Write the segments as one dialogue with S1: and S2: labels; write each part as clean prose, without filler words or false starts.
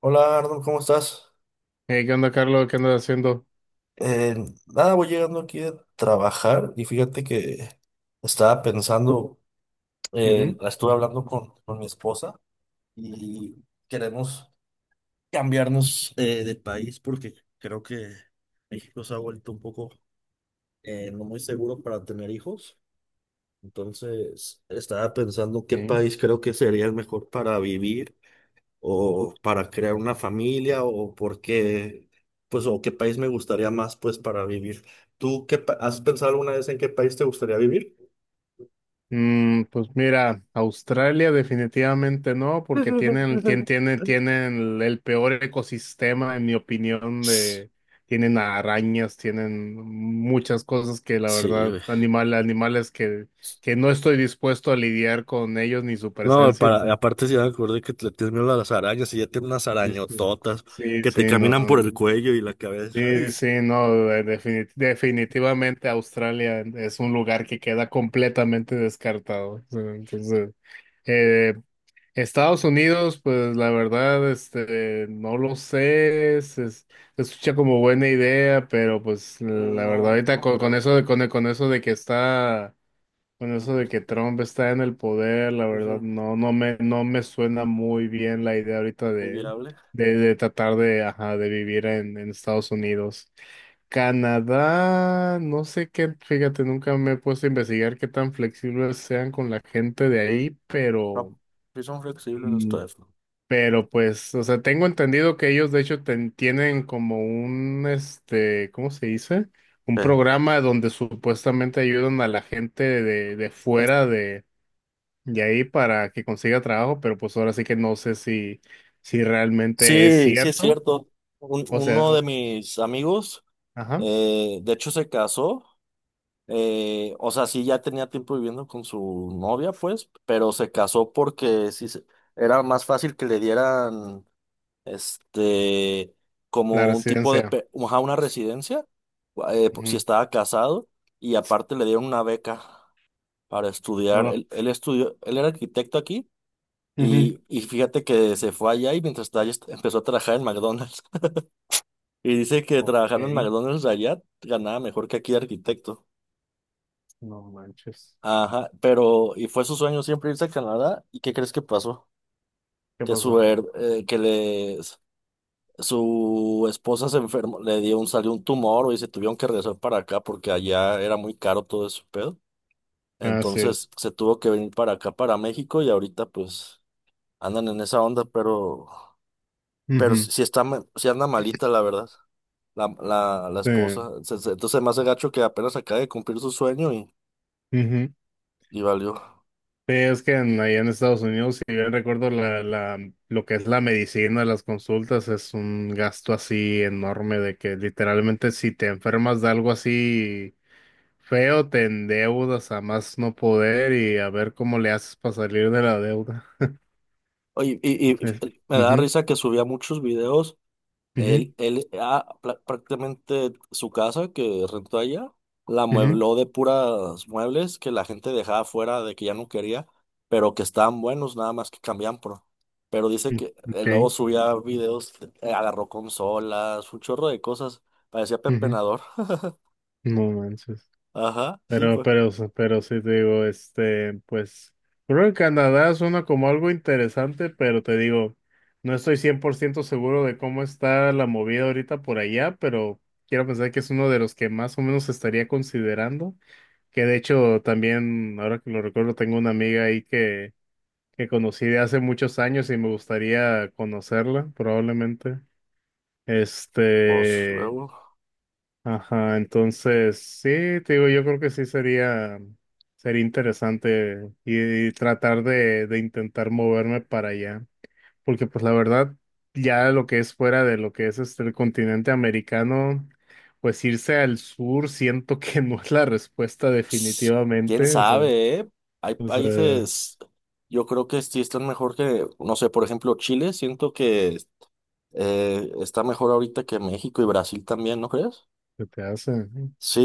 S1: Hola Arnold, ¿cómo estás?
S2: ¿Qué onda, Carlos? ¿Qué andas haciendo?
S1: Eh, nada, voy llegando aquí a trabajar y fíjate que estaba pensando,
S2: Ujú,
S1: la estuve hablando con mi esposa y queremos cambiarnos de país porque creo que México se ha vuelto un poco no muy seguro para tener hijos. Entonces, estaba pensando qué
S2: sí.
S1: país creo que sería el mejor para vivir o para crear una familia o porque, pues, o qué país me gustaría más, pues, para vivir. ¿Tú has pensado alguna vez en qué país te gustaría vivir?
S2: Mm, pues mira, Australia definitivamente no, porque tienen, tien- tienen, tienen el, peor ecosistema, en mi opinión, de, tienen arañas, tienen muchas cosas que la
S1: Sí,
S2: verdad,
S1: güey.
S2: animales que no estoy dispuesto a lidiar con ellos ni su
S1: No,
S2: presencia.
S1: para,
S2: Entonces,
S1: aparte si me acuerdo que le tienes miedo a las arañas y ya tiene unas
S2: sí, sí.
S1: arañototas
S2: Sí,
S1: que
S2: sí,
S1: te
S2: no.
S1: caminan por el cuello y la cabeza. Ay.
S2: Sí, sí, no, definitivamente Australia es un lugar que queda completamente descartado. O sea, entonces, eh, Estados Unidos, pues la verdad, este, no lo sé, se escucha como buena idea, pero pues la verdad,
S1: No,
S2: ahorita
S1: no
S2: con
S1: creo.
S2: eso de, con eso de que está con eso de que Trump está en el poder, la verdad,
S1: Ujú.
S2: no, no me suena muy bien la idea ahorita
S1: Muy
S2: de,
S1: viable.
S2: de tratar de, ajá, de vivir en Estados Unidos. Canadá, no sé qué, fíjate, nunca me he puesto a investigar qué tan flexibles sean con la gente de ahí,
S1: No,
S2: pero,
S1: sí son flexibles los
S2: mm,
S1: teléfonos.
S2: pero pues, o sea, tengo entendido que ellos de hecho tienen como un, este, ¿cómo se dice? Un programa donde supuestamente ayudan a la gente de
S1: Sí.
S2: fuera y ahí para que consiga trabajo, pero pues ahora sí que no sé si, si realmente es
S1: Sí, sí es
S2: cierto.
S1: cierto.
S2: O
S1: Uno
S2: sea,
S1: de
S2: o-
S1: mis amigos,
S2: ajá,
S1: de hecho, se casó. O sea, sí, ya tenía tiempo viviendo con su novia, pues, pero se casó porque era más fácil que le dieran, este,
S2: la
S1: como un tipo de,
S2: residencia.
S1: ajá, una residencia, si
S2: Ujú.
S1: estaba casado, y aparte le dieron una beca para estudiar.
S2: Hola.
S1: Él estudió, él era arquitecto aquí.
S2: Ujú.
S1: Y fíjate que se fue allá y mientras estaba allá empezó a trabajar en McDonald's. Y dice que
S2: Ok,
S1: trabajando en McDonald's allá ganaba mejor que aquí de arquitecto.
S2: no manches.
S1: Ajá, pero y fue su sueño siempre irse a Canadá. ¿Y qué crees que pasó?
S2: ¿Qué
S1: Que
S2: pasó?
S1: su esposa se enfermó, le dio un salió un tumor y se tuvieron que regresar para acá porque allá era muy caro todo ese pedo.
S2: Ah, sí.
S1: Entonces se tuvo que venir para acá para México y ahorita pues andan en esa onda, pero si
S2: Ujú.
S1: si está ma- sí anda malita la verdad. La
S2: Sí.
S1: esposa. Entonces, más hace gacho que apenas acaba de cumplir su sueño.
S2: Ujú.
S1: Y valió.
S2: Sí, es que allá en Estados Unidos, si bien recuerdo, la, lo que es la medicina, las consultas, es un gasto así enorme de que literalmente si te enfermas de algo así feo, te endeudas a más no poder y a ver cómo le haces para salir de la deuda.
S1: Oye,
S2: Es-
S1: me da
S2: ujú,
S1: risa que subía muchos videos.
S2: ujú,
S1: Prácticamente su casa que rentó allá, la
S2: ujú,
S1: muebló de puras muebles que la gente dejaba fuera de que ya no quería, pero que estaban buenos, nada más que cambiaban por. Pero dice
S2: mm,
S1: que
S2: ok,
S1: luego subía videos, agarró consolas, un chorro de cosas. Parecía
S2: ujú,
S1: pepenador.
S2: no manches.
S1: Ajá, sí,
S2: Pero,
S1: pues.
S2: pero, pero sí te digo, este, pues, creo que Canadá suena como algo interesante, pero te digo, no estoy 100% seguro de cómo está la movida ahorita por allá, pero quiero pensar que es uno de los que más o menos estaría considerando, que de hecho también, ahora que lo recuerdo, tengo una amiga ahí que conocí de hace muchos años y me gustaría conocerla, probablemente.
S1: Pues
S2: Este,
S1: luego.
S2: ajá, entonces sí, te digo, yo creo que sí sería, sería interesante y tratar de intentar moverme para allá, porque pues la verdad, ya lo que es fuera de lo que es este, el continente americano, pues irse al sur siento que no es la respuesta
S1: Ps, ¿Quién
S2: definitivamente,
S1: sabe, eh? Hay
S2: o sea,
S1: países, yo creo que sí están mejor que, no sé, por ejemplo, Chile, siento que está mejor ahorita que México y Brasil también, ¿no crees?
S2: ¿qué te hace?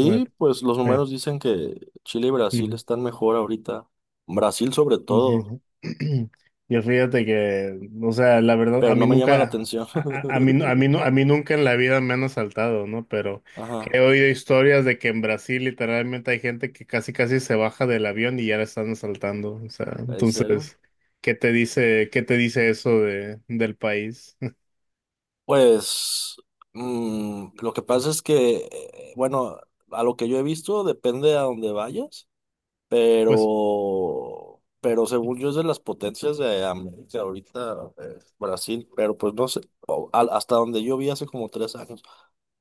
S2: Bueno,
S1: pues los
S2: eh,
S1: números dicen que Chile y Brasil están mejor ahorita. Brasil sobre todo,
S2: ujú. Yo fíjate que, o sea, la verdad,
S1: pero
S2: a
S1: no
S2: mí
S1: me llama la
S2: nunca,
S1: atención.
S2: a mí, no- a mí, nu- a mí nunca en la vida me han asaltado, ¿no? Pero he
S1: Ajá,
S2: oído historias de que en Brasil literalmente hay gente que casi casi se baja del avión y ya la están asaltando. O sea,
S1: ¿en serio?
S2: entonces, ¿qué te dice eso de, del país?
S1: Pues lo que pasa es que, bueno, a lo que yo he visto, depende a dónde vayas.
S2: Pues,
S1: Pero según yo es de las potencias de América ahorita, Brasil, pero pues no sé, hasta donde yo vi hace como 3 años.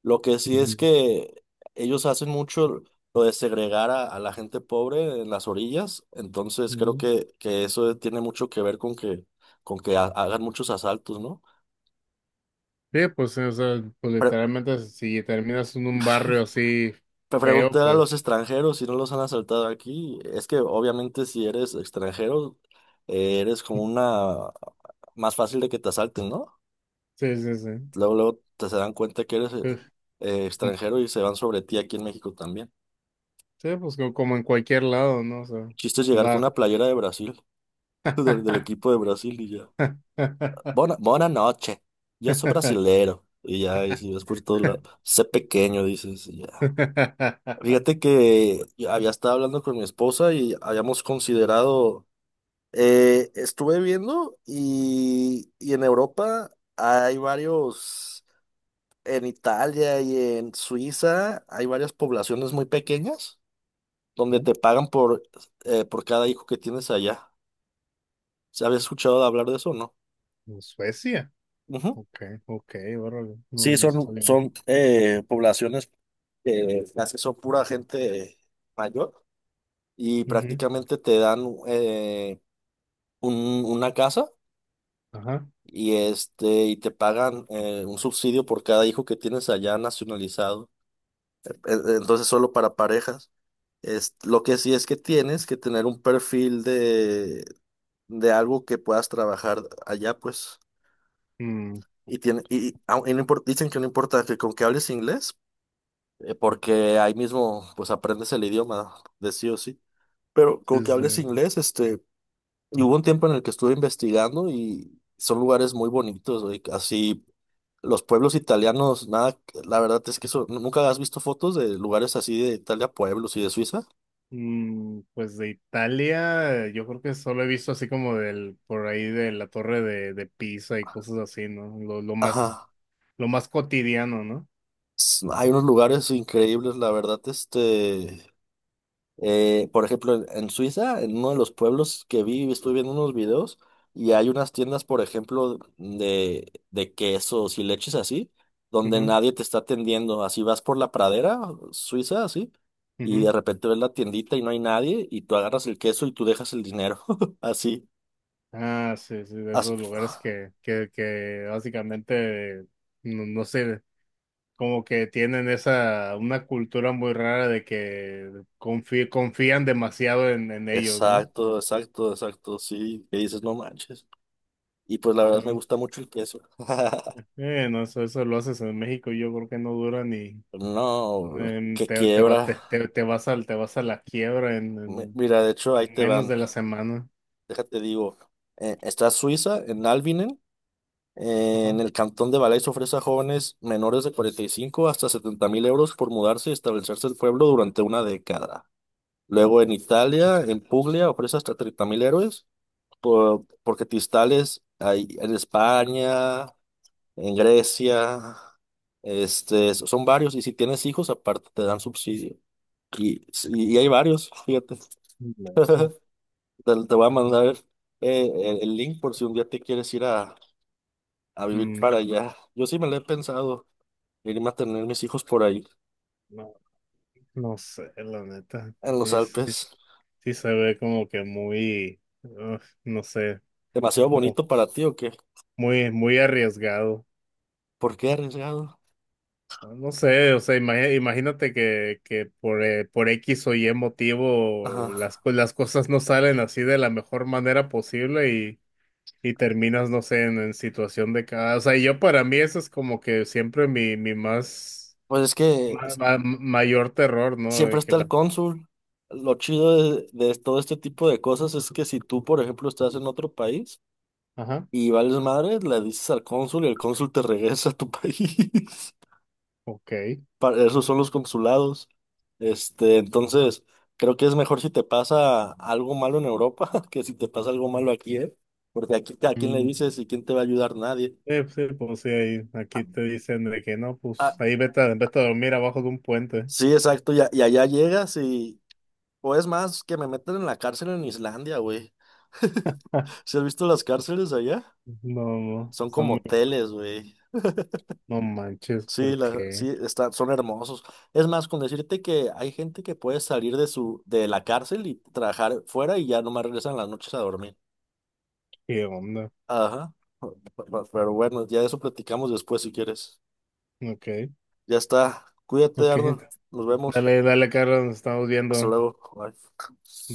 S1: Lo que sí es
S2: ujú,
S1: que ellos hacen mucho lo de segregar a la gente pobre en las orillas, entonces creo
S2: ujú.
S1: que eso tiene mucho que ver con que hagan muchos asaltos, ¿no?
S2: Sí, pues, o sea, pues literalmente si terminas en un barrio así feo,
S1: Preguntar a los
S2: pues,
S1: extranjeros si no los han asaltado aquí. Es que obviamente si eres extranjero, eres como una más fácil de que te asalten, ¿no?
S2: sí, sí, sí.
S1: Luego, luego te se dan cuenta que eres
S2: Uf.
S1: extranjero y se van sobre ti aquí en México también.
S2: Sí, pues como en cualquier lado, ¿no? O sea,
S1: El chiste es llegar con
S2: va.
S1: una playera de Brasil, del equipo de Brasil y ya. Buena noche. Yo soy brasilero. Y ya, y si ves por todos lados, sé pequeño, dices, y ya. Fíjate que yo había estado hablando con mi esposa y habíamos considerado. Estuve viendo y en Europa hay varios, en Italia y en Suiza hay varias poblaciones muy pequeñas donde
S2: Ujú.
S1: te pagan por cada hijo que tienes allá. ¿Se había escuchado de hablar de eso, o no?
S2: En Suecia.
S1: Ujú.
S2: Ok, ok, órale. No,
S1: Sí,
S2: no
S1: son,
S2: sabía.
S1: son eh, poblaciones que casi son pura gente mayor y
S2: Ujú,
S1: prácticamente te dan eh, una casa
S2: ajá.
S1: y y te pagan un subsidio por cada hijo que tienes allá nacionalizado. Entonces, solo para parejas. Lo que sí es que tienes que tener un perfil de algo que puedas trabajar allá, pues.
S2: Mm,
S1: Y tiene, y- au- y no impor- Dicen que no importa que con que hables inglés, porque ahí mismo pues aprendes el idioma de sí o sí. Pero con que
S2: pues,
S1: hables
S2: eh,
S1: inglés. Y hubo un tiempo en el que estuve investigando y son lugares muy bonitos, güey. Así, los pueblos italianos, nada, la verdad es que eso, ¿no? ¿Nunca has visto fotos de lugares así de Italia, pueblos y de Suiza?
S2: mm, pues de Italia, yo creo que solo he visto así como del, por ahí de la torre de Pisa y cosas así, ¿no?
S1: Ajá.
S2: Lo más cotidiano, no
S1: Hay unos lugares increíbles, la verdad, eh, por ejemplo, en Suiza, en uno de los pueblos que vi, estuve viendo unos videos y hay unas tiendas, por ejemplo, de quesos y leches así, donde
S2: ujú,
S1: nadie te está atendiendo. Así vas por la pradera suiza, así, y
S2: ujú.
S1: de repente ves la tiendita y no hay nadie y tú agarras el queso y tú dejas el dinero. Así,
S2: Ah, sí, sí, de
S1: así.
S2: esos lugares que básicamente, no, no sé, como que tienen esa, una cultura muy rara de que confían demasiado en ellos, ¿no?
S1: Exacto, exacto, exacto, sí. Que dices, no manches. Y pues la verdad me
S2: Bien.
S1: gusta mucho el queso.
S2: No, eso lo haces en México, yo creo que no dura ni,
S1: No, que quiebra.
S2: te vas al, te vas a la quiebra
S1: Mira, de hecho, ahí
S2: en
S1: te
S2: menos
S1: van.
S2: de la semana.
S1: Déjate digo, está Suiza, en Albinen,
S2: Ajá.
S1: en el cantón de Valais ofrece a jóvenes menores de 45 hasta 70.000 euros por mudarse y establecerse en el pueblo durante una década. Luego en Italia, en Puglia, ofrece hasta 30.000 euros porque Tistales hay en España, en Grecia, son varios. Y si tienes hijos, aparte te dan subsidio. Y, y hay varios, fíjate.
S2: No sé.
S1: Te voy a mandar el link por si un día te quieres ir a vivir
S2: Mm,
S1: para allá. Yo sí me lo he pensado, irme a tener mis hijos por ahí,
S2: no, no sé, la neta.
S1: en los
S2: Sí, sí,
S1: Alpes.
S2: sí se ve como que muy, ugh, no sé,
S1: ¿Demasiado
S2: mu-
S1: bonito para ti o qué?
S2: muy arriesgado.
S1: ¿Por qué arriesgado?
S2: Bueno, no sé, o sea, imagínate que por X o Y motivo
S1: Ajá.
S2: las cosas no salen así de la mejor manera posible y terminas, no sé, en situación de cada... O sea, yo para mí eso es como que siempre mi más,
S1: Pues es que
S2: mayor terror, ¿no?
S1: siempre
S2: De que
S1: está el
S2: la-
S1: cónsul. Lo chido de todo este tipo de cosas es que si tú, por ejemplo, estás en otro país
S2: ajá,
S1: y vales madre, le dices al cónsul y el cónsul te regresa a tu país.
S2: ok.
S1: Esos son los consulados. Entonces, creo que es mejor si te pasa algo malo en Europa que si te pasa algo malo aquí, ¿eh? Porque aquí, ¿a quién le dices y quién te va a ayudar? Nadie.
S2: Sí, pues sí, pues sí, ahí, aquí
S1: Ah,
S2: te dicen de que no,
S1: ah,
S2: pues ahí vete, vete a dormir abajo de un puente.
S1: sí, exacto, y allá llegas y, o es más, que me meten en la cárcel en Islandia, güey. ¿Se has visto las cárceles allá?
S2: No, no,
S1: Son
S2: son
S1: como
S2: muy-
S1: hoteles, güey.
S2: no manches,
S1: Sí,
S2: ¿por qué?
S1: son hermosos. Es más, con decirte que hay gente que puede salir de la cárcel y trabajar fuera y ya no más regresan las noches a dormir.
S2: ¿Qué onda?
S1: Ajá. Pe- Pero bueno, ya de eso platicamos después si quieres.
S2: Ok,
S1: Ya está. Cuídate,
S2: ok,
S1: Arnold. Nos vemos.
S2: dale, dale, Carlos, nos estamos
S1: Hasta
S2: viendo.
S1: luego. Bye.
S2: Bye.